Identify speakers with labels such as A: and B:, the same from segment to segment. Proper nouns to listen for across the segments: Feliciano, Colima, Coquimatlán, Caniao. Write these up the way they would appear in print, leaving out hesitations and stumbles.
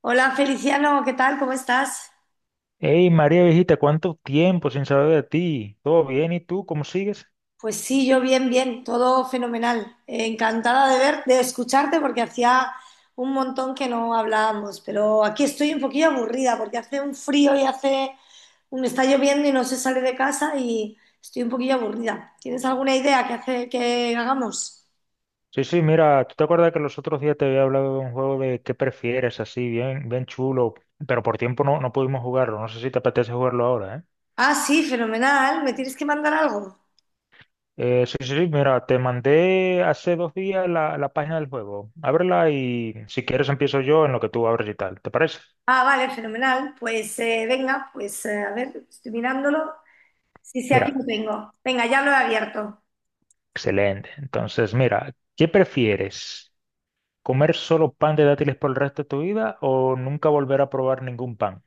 A: Hola Feliciano, ¿qué tal? ¿Cómo estás?
B: Hey María viejita, ¿cuánto tiempo sin saber de ti? ¿Todo bien? ¿Y tú cómo sigues?
A: Pues sí, yo bien, bien, todo fenomenal. Encantada de escucharte porque hacía un montón que no hablábamos, pero aquí estoy un poquillo aburrida porque hace un frío me está lloviendo y no se sale de casa y estoy un poquillo aburrida. ¿Tienes alguna idea que hace que hagamos?
B: Sí, sí, mira, ¿tú te acuerdas que los otros días te había hablado de un juego de qué prefieres, así, bien, bien chulo, pero por tiempo no pudimos jugarlo, no sé si te apetece jugarlo ahora, ¿eh?
A: Ah, sí, fenomenal. ¿Me tienes que mandar algo?
B: Sí, sí, sí, mira, te mandé hace 2 días la página del juego, ábrela y si quieres empiezo yo en lo que tú abres y tal, ¿te parece?
A: Ah, vale, fenomenal. Pues venga, pues a ver, estoy mirándolo. Sí, sí,
B: Mira,
A: aquí lo tengo. Venga, ya lo he abierto.
B: excelente, entonces mira, ¿qué prefieres? ¿Comer solo pan de dátiles por el resto de tu vida o nunca volver a probar ningún pan?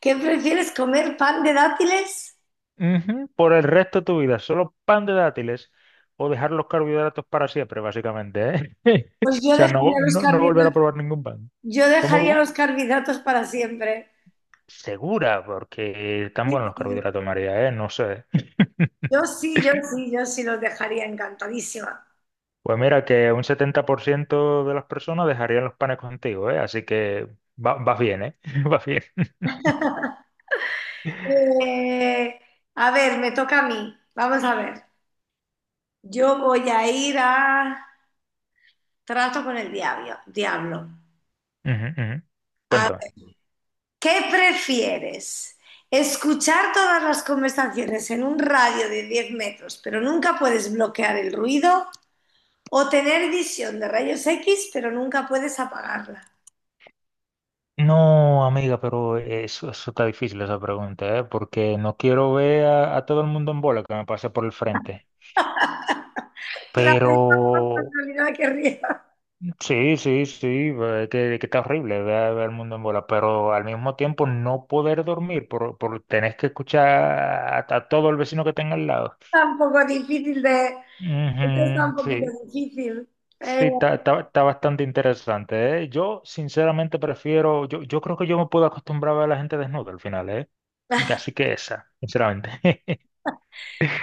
A: ¿Qué prefieres comer pan de dátiles?
B: Ujú. Por el resto de tu vida, solo pan de dátiles o dejar los carbohidratos para siempre, básicamente, ¿eh?
A: Pues
B: O
A: yo
B: sea, no,
A: dejaría los
B: no volver a
A: carbohidratos,
B: probar ningún pan.
A: yo
B: ¿Cómo,
A: dejaría
B: cómo?
A: los carbohidratos para siempre.
B: Segura, porque están
A: Sí,
B: buenos los
A: sí.
B: carbohidratos, María, ¿eh? No sé.
A: Yo sí los dejaría encantadísima.
B: Pues mira que un 70% de las personas dejarían los panes contigo, ¿eh? Así que vas bien, ¿eh? Vas bien.
A: Eh, a ver, me toca a mí. Vamos a ver. Yo voy a ir a trato con el diablo.
B: Ujú, ujú. Cuéntame.
A: ¿Qué prefieres? ¿Escuchar todas las conversaciones en un radio de 10 metros, pero nunca puedes bloquear el ruido? ¿O tener visión de rayos X, pero nunca puedes apagarla?
B: No, amiga, pero eso está difícil esa pregunta, ¿eh? Porque no quiero ver a, todo el mundo en bola que me pase por el frente.
A: La
B: Pero
A: personalidad que ría.
B: sí, sí, sí, que está horrible ver, el mundo en bola, pero al mismo tiempo no poder dormir por tenés que escuchar a, todo el vecino que tenga al lado.
A: Tampoco difícil de. Esto está un
B: Ujú,
A: poquito
B: sí,
A: difícil. Eh,
B: sí, está bastante interesante, ¿eh? Yo sinceramente prefiero, yo creo que yo me puedo acostumbrar a ver a la gente desnuda al final, ¿eh? Así que esa, sinceramente.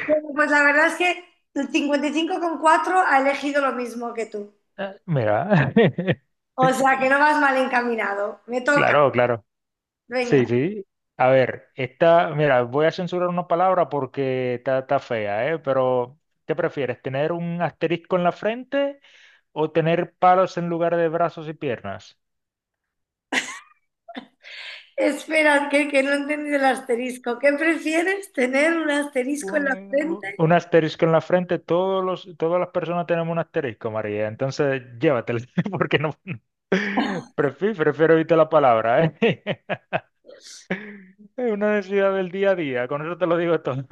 A: bueno, pues la verdad es que el 55,4 ha elegido lo mismo que tú.
B: Ah, mira,
A: O sea que no vas mal encaminado. Me toca.
B: claro, claro. Sí,
A: Venga.
B: sí. A ver, esta, mira, voy a censurar una palabra porque está fea, ¿eh? Pero, ¿qué prefieres? ¿Tener un asterisco en la frente o tener palos en lugar de brazos y piernas?
A: Espera, que no he entendido el asterisco. ¿Qué prefieres? ¿Tener un asterisco en la
B: Bueno,
A: frente?
B: un asterisco en la frente, todas las personas tenemos un asterisco, María. Entonces, llévatelo, porque no. Prefiero evitar la palabra, ¿eh? Es una necesidad del día a día, con eso te lo digo todo.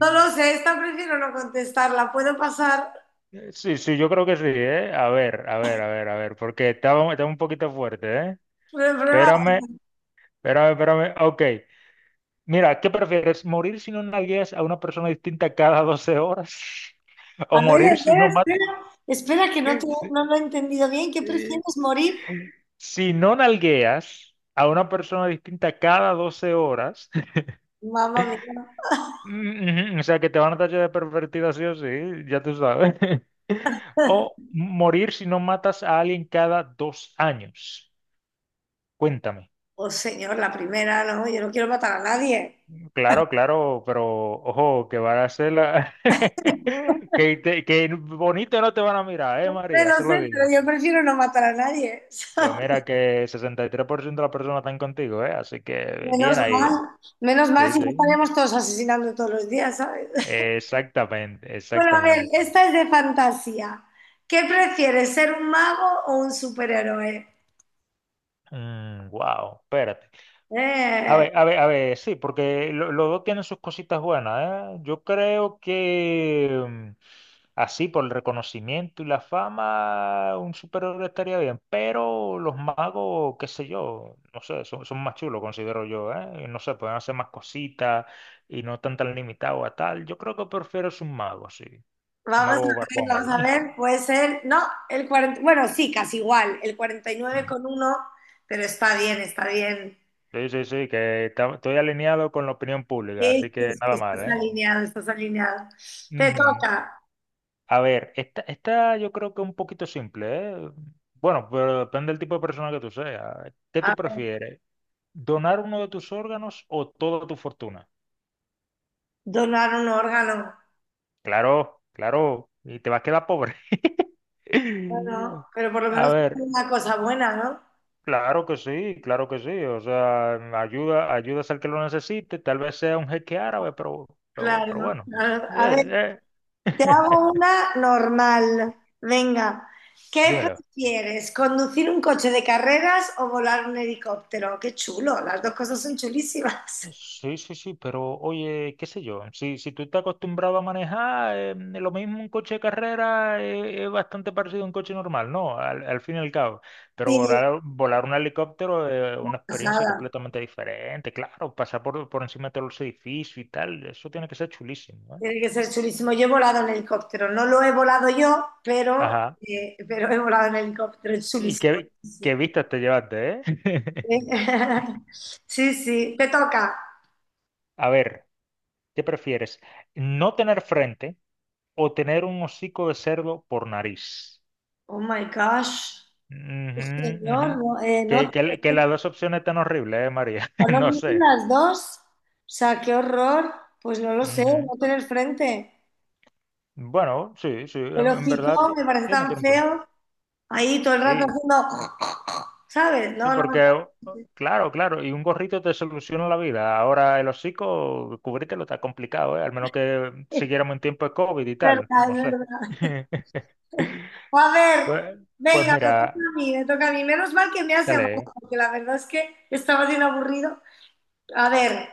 A: No lo sé, esta prefiero no contestarla. ¿Puedo pasar?
B: Sí, sí, yo creo que sí, ¿eh? A ver, a ver, a ver, a ver, porque estaba un poquito fuerte, ¿eh?
A: Prueba.
B: Espérame, espérame, espérame. Ok. Mira, ¿qué prefieres? ¿Morir si no nalgueas a una persona distinta cada 12 horas?
A: A
B: ¿O
A: ver,
B: morir si
A: espera,
B: no matas?
A: espera, espera, que no,
B: Si,
A: no lo he entendido bien. ¿Qué
B: eh,
A: prefieres morir?
B: si no nalgueas a una persona distinta cada 12 horas,
A: Mamá mía.
B: ujú, o sea que te van a tachar de pervertida, sí o sí, ya tú sabes. O morir si no matas a alguien cada 2 años. Cuéntame.
A: Oh, señor, la primera, no, yo no quiero matar a nadie.
B: Claro, claro, pero ojo, que van a ser la. Que, que bonito no te van a mirar, ¿eh,
A: Bueno, no
B: María? Eso
A: lo
B: lo
A: sé, pero
B: digo.
A: yo prefiero no matar a nadie.
B: Pues mira que 63% de las personas están contigo, ¿eh? Así que
A: Menos
B: bien ahí,
A: mal,
B: ¿eh?
A: menos mal,
B: Sí,
A: si no
B: sí.
A: estaríamos todos asesinando todos los días, ¿sabes?
B: Exactamente,
A: Bueno, a ver,
B: exactamente.
A: esta es de fantasía. ¿Qué prefieres, ser un mago o un superhéroe?
B: Wow, espérate. A
A: Eh,
B: ver, a ver, a ver, sí, porque los dos tienen sus cositas buenas, ¿eh? Yo creo que así, por el reconocimiento y la fama, un superhéroe estaría bien, pero los magos, qué sé yo, no sé, son más chulos, considero yo, ¿eh? Y no sé, pueden hacer más cositas y no están tan limitados a tal. Yo creo que prefiero es un mago, sí, un
A: Vamos a
B: mago barbón
A: vamos
B: ahí.
A: a ver, puede ser, no, el 40, bueno, sí, casi igual, el cuarenta y nueve
B: Mm.
A: con uno, pero está bien, está bien.
B: Sí, sí, sí, que estoy alineado con la opinión pública, así
A: Sí, sí,
B: que
A: sí,
B: nada mal,
A: estás
B: ¿eh?
A: alineado, estás alineado. Te
B: Ujú.
A: toca
B: A ver, esta yo creo que es un poquito simple, ¿eh? Bueno, pero depende del tipo de persona que tú seas. ¿Qué
A: a
B: tú
A: ver,
B: prefieres? ¿Donar uno de tus órganos o toda tu fortuna?
A: donar un órgano,
B: Claro, claro, y te vas a quedar pobre.
A: bueno, pero por lo
B: A
A: menos es
B: ver,
A: una cosa buena, ¿no?
B: claro que sí, claro que sí. O sea, ayudas al que lo necesite, tal vez sea un jeque árabe, pero,
A: Claro,
B: bueno.
A: claro. A ver,
B: Eh, eh.
A: te hago una normal. Venga, ¿qué
B: Dímelo.
A: prefieres? ¿Conducir un coche de carreras o volar un helicóptero? Qué chulo, las dos cosas son chulísimas.
B: Sí, sí, sí, pero oye, qué sé yo, si tú estás acostumbrado a manejar, lo mismo un coche de carrera es bastante parecido a un coche normal, ¿no? Al fin y al cabo. Pero
A: Sí,
B: volar un helicóptero es una experiencia
A: pasada.
B: completamente diferente, claro, pasar por, encima de todos los edificios y tal, eso tiene que ser chulísimo, ¿eh?
A: Tiene que ser chulísimo. Yo he volado en helicóptero. No lo he volado yo, pero,
B: Ajá.
A: eh, pero he volado en helicóptero. Es
B: ¿Y
A: chulísimo.
B: qué,
A: Sí, sí.
B: vistas te llevaste, eh?
A: sí. Sí. Te toca.
B: A ver, ¿qué prefieres? ¿No tener frente o tener un hocico de cerdo por nariz?
A: Oh my gosh.
B: Ujú,
A: Señor,
B: ujú.
A: no, no,
B: Que las dos opciones están horribles, María.
A: no lo
B: No
A: dicen
B: sé.
A: las dos. O sea, qué horror. Pues no lo sé,
B: Ujú.
A: no tener frente.
B: Bueno, sí, sí,
A: El
B: en verdad
A: hocico me parece tan
B: tiene un punto.
A: feo. Ahí todo el rato
B: Sí,
A: haciendo. ¿Sabes?
B: sí,
A: No, no, no.
B: porque, claro, claro, y un gorrito te soluciona la vida. Ahora el hocico, cubrírtelo está complicado, ¿eh? Al menos que siguiéramos en tiempo de COVID y
A: Es
B: tal,
A: verdad,
B: no
A: es
B: sé.
A: verdad. O a ver,
B: Pues, pues
A: venga, me toca
B: mira,
A: a mí, me toca a mí. Menos mal que me has
B: dale.
A: llamado,
B: ¿Eh?
A: porque la verdad es que estaba bien aburrido. A ver,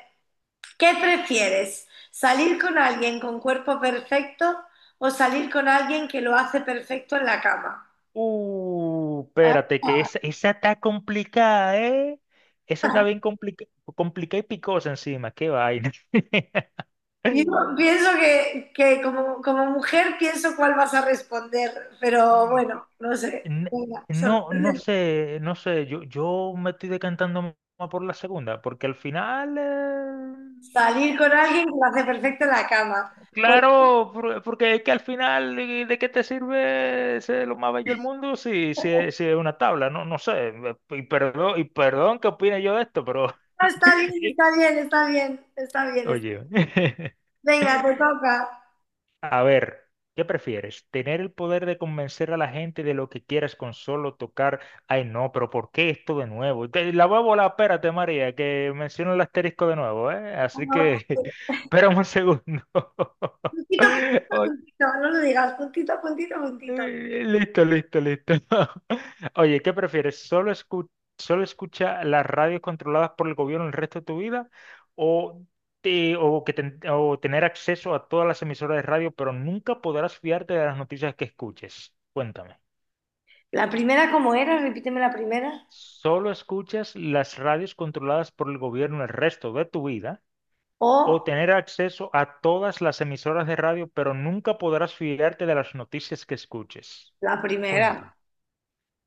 A: ¿qué prefieres? ¿Salir con alguien con cuerpo perfecto o salir con alguien que lo hace perfecto en la cama? Ah,
B: Espérate, que esa está complicada, ¿eh? Esa está bien complicada y picosa encima, qué vaina.
A: yo pienso que, como, mujer pienso cuál vas a responder, pero bueno, no sé.
B: N-
A: Venga,
B: No, no
A: sorprende.
B: sé, yo me estoy decantando más por la segunda, porque al final,
A: Salir con alguien que lo hace perfecto en la cama. Pues
B: claro, porque es que al final, ¿de qué te sirve ser lo más bello del mundo si es una tabla? No, no sé, y perdón, que opine yo de esto, pero,
A: está bien, está bien, está bien, está bien, está
B: oye.
A: bien. Venga, te toca.
B: A ver, ¿qué prefieres? ¿Tener el poder de convencer a la gente de lo que quieras con solo tocar? Ay, no, pero ¿por qué esto de nuevo? La voy a volar, espérate, María, que menciono el asterisco de nuevo, ¿eh? Así
A: Puntito,
B: que, espérame un segundo.
A: puntito,
B: Ok,
A: puntito. No lo digas. Puntito, puntito, puntito.
B: listo, listo, listo. Oye, ¿qué prefieres? ¿Solo solo escucha las radios controladas por el gobierno el resto de tu vida? ¿O, te- o, que ten- o tener acceso a todas las emisoras de radio, pero nunca podrás fiarte de las noticias que escuches? Cuéntame.
A: La primera, ¿cómo era? Repíteme la primera.
B: ¿Solo escuchas las radios controladas por el gobierno el resto de tu vida? ¿O
A: O
B: tener acceso a todas las emisoras de radio, pero nunca podrás fiarte de las noticias que escuches?
A: la
B: Cuéntame.
A: primera.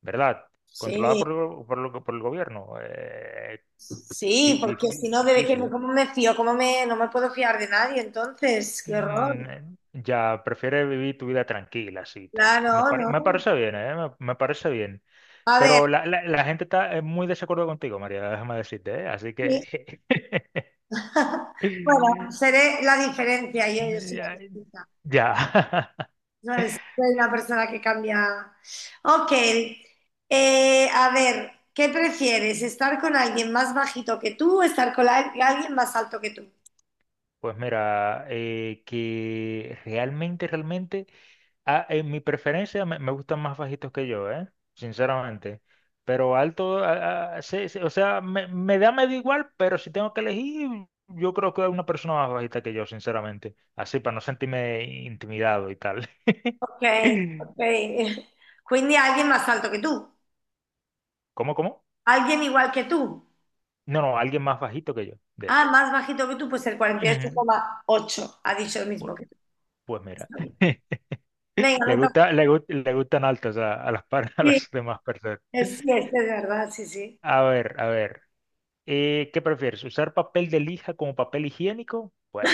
B: ¿Verdad? Controlada
A: Sí,
B: por el gobierno.
A: sí, porque si no, ¿de qué
B: Difícil,
A: me,
B: ¿eh?
A: cómo me fío? ¿Cómo me, no me puedo fiar de nadie entonces? Qué horror.
B: Ya, prefiere vivir tu vida tranquila, así y tal.
A: Claro, no.
B: Me parece bien, ¿eh? Me parece bien.
A: A ver,
B: Pero la gente está en muy desacuerdo contigo, María, déjame decirte, ¿eh? Así
A: sí.
B: que.
A: Bueno, seré la diferencia. Yo soy la
B: Ya,
A: distinta.
B: ya.
A: No eres una persona que cambia. Ok, a ver, ¿qué prefieres? ¿Estar con alguien más bajito que tú o estar con alguien más alto que tú?
B: Pues mira, que realmente... Ah, en mi preferencia me gustan más bajitos que yo, ¿eh? Sinceramente. Pero alto, sí, sí, o sea, me da medio igual, pero si tengo que elegir, yo creo que hay una persona más bajita que yo, sinceramente. Así, para no sentirme intimidado y tal.
A: Ok, ok. Quindi alguien más alto que tú,
B: ¿Cómo, cómo?
A: alguien igual que tú.
B: No, no, alguien más bajito que yo, de hecho.
A: Ah, más bajito que tú, pues el
B: Ujú.
A: 48,8 ha dicho el mismo
B: Pu-
A: que tú.
B: Pues, mira,
A: Está bien. Venga, me toca.
B: le gustan altos a a
A: Sí,
B: las demás personas.
A: sí, es de verdad, sí, sí.
B: A ver, a ver. ¿Qué prefieres? ¿Usar papel de lija como papel higiénico? Bueno,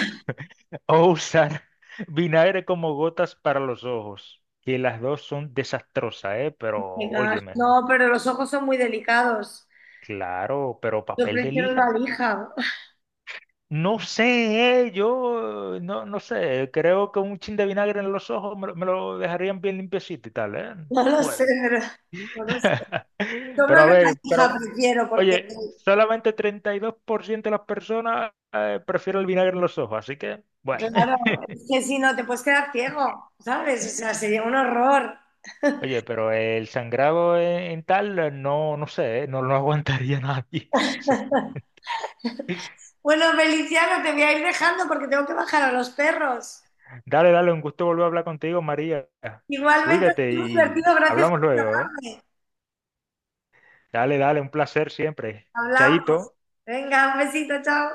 B: o usar vinagre como gotas para los ojos, que las dos son desastrosas, ¿eh? Pero
A: Venga.
B: óyeme,
A: No, pero los ojos son muy delicados.
B: claro, pero
A: Yo
B: papel de
A: prefiero
B: lija.
A: una lija.
B: No sé, yo no sé, creo que un chin de vinagre en los ojos me lo dejarían bien limpiecito y tal, ¿eh?
A: No lo sé,
B: Puede.
A: pero, no lo sé. Yo
B: Pero
A: creo
B: a
A: que la
B: ver, pero
A: hija prefiero, porque
B: oye, solamente 32% de las personas prefieren el vinagre en los ojos, así que bueno.
A: claro, es que si no te puedes quedar ciego, ¿sabes? O sea, sería un horror.
B: Oye, pero el sangrado en tal, no sé, no lo aguantaría nadie.
A: Bueno, Feliciano, te voy a ir dejando porque tengo que bajar a los perros.
B: Dale, dale, un gusto volver a hablar contigo, María.
A: Igualmente ha
B: Cuídate
A: sido muy
B: y
A: divertido, gracias
B: hablamos
A: por
B: luego, ¿eh?
A: llamarme.
B: Dale, dale, un placer siempre.
A: Hablamos.
B: Chaito.
A: Venga, un besito, chao.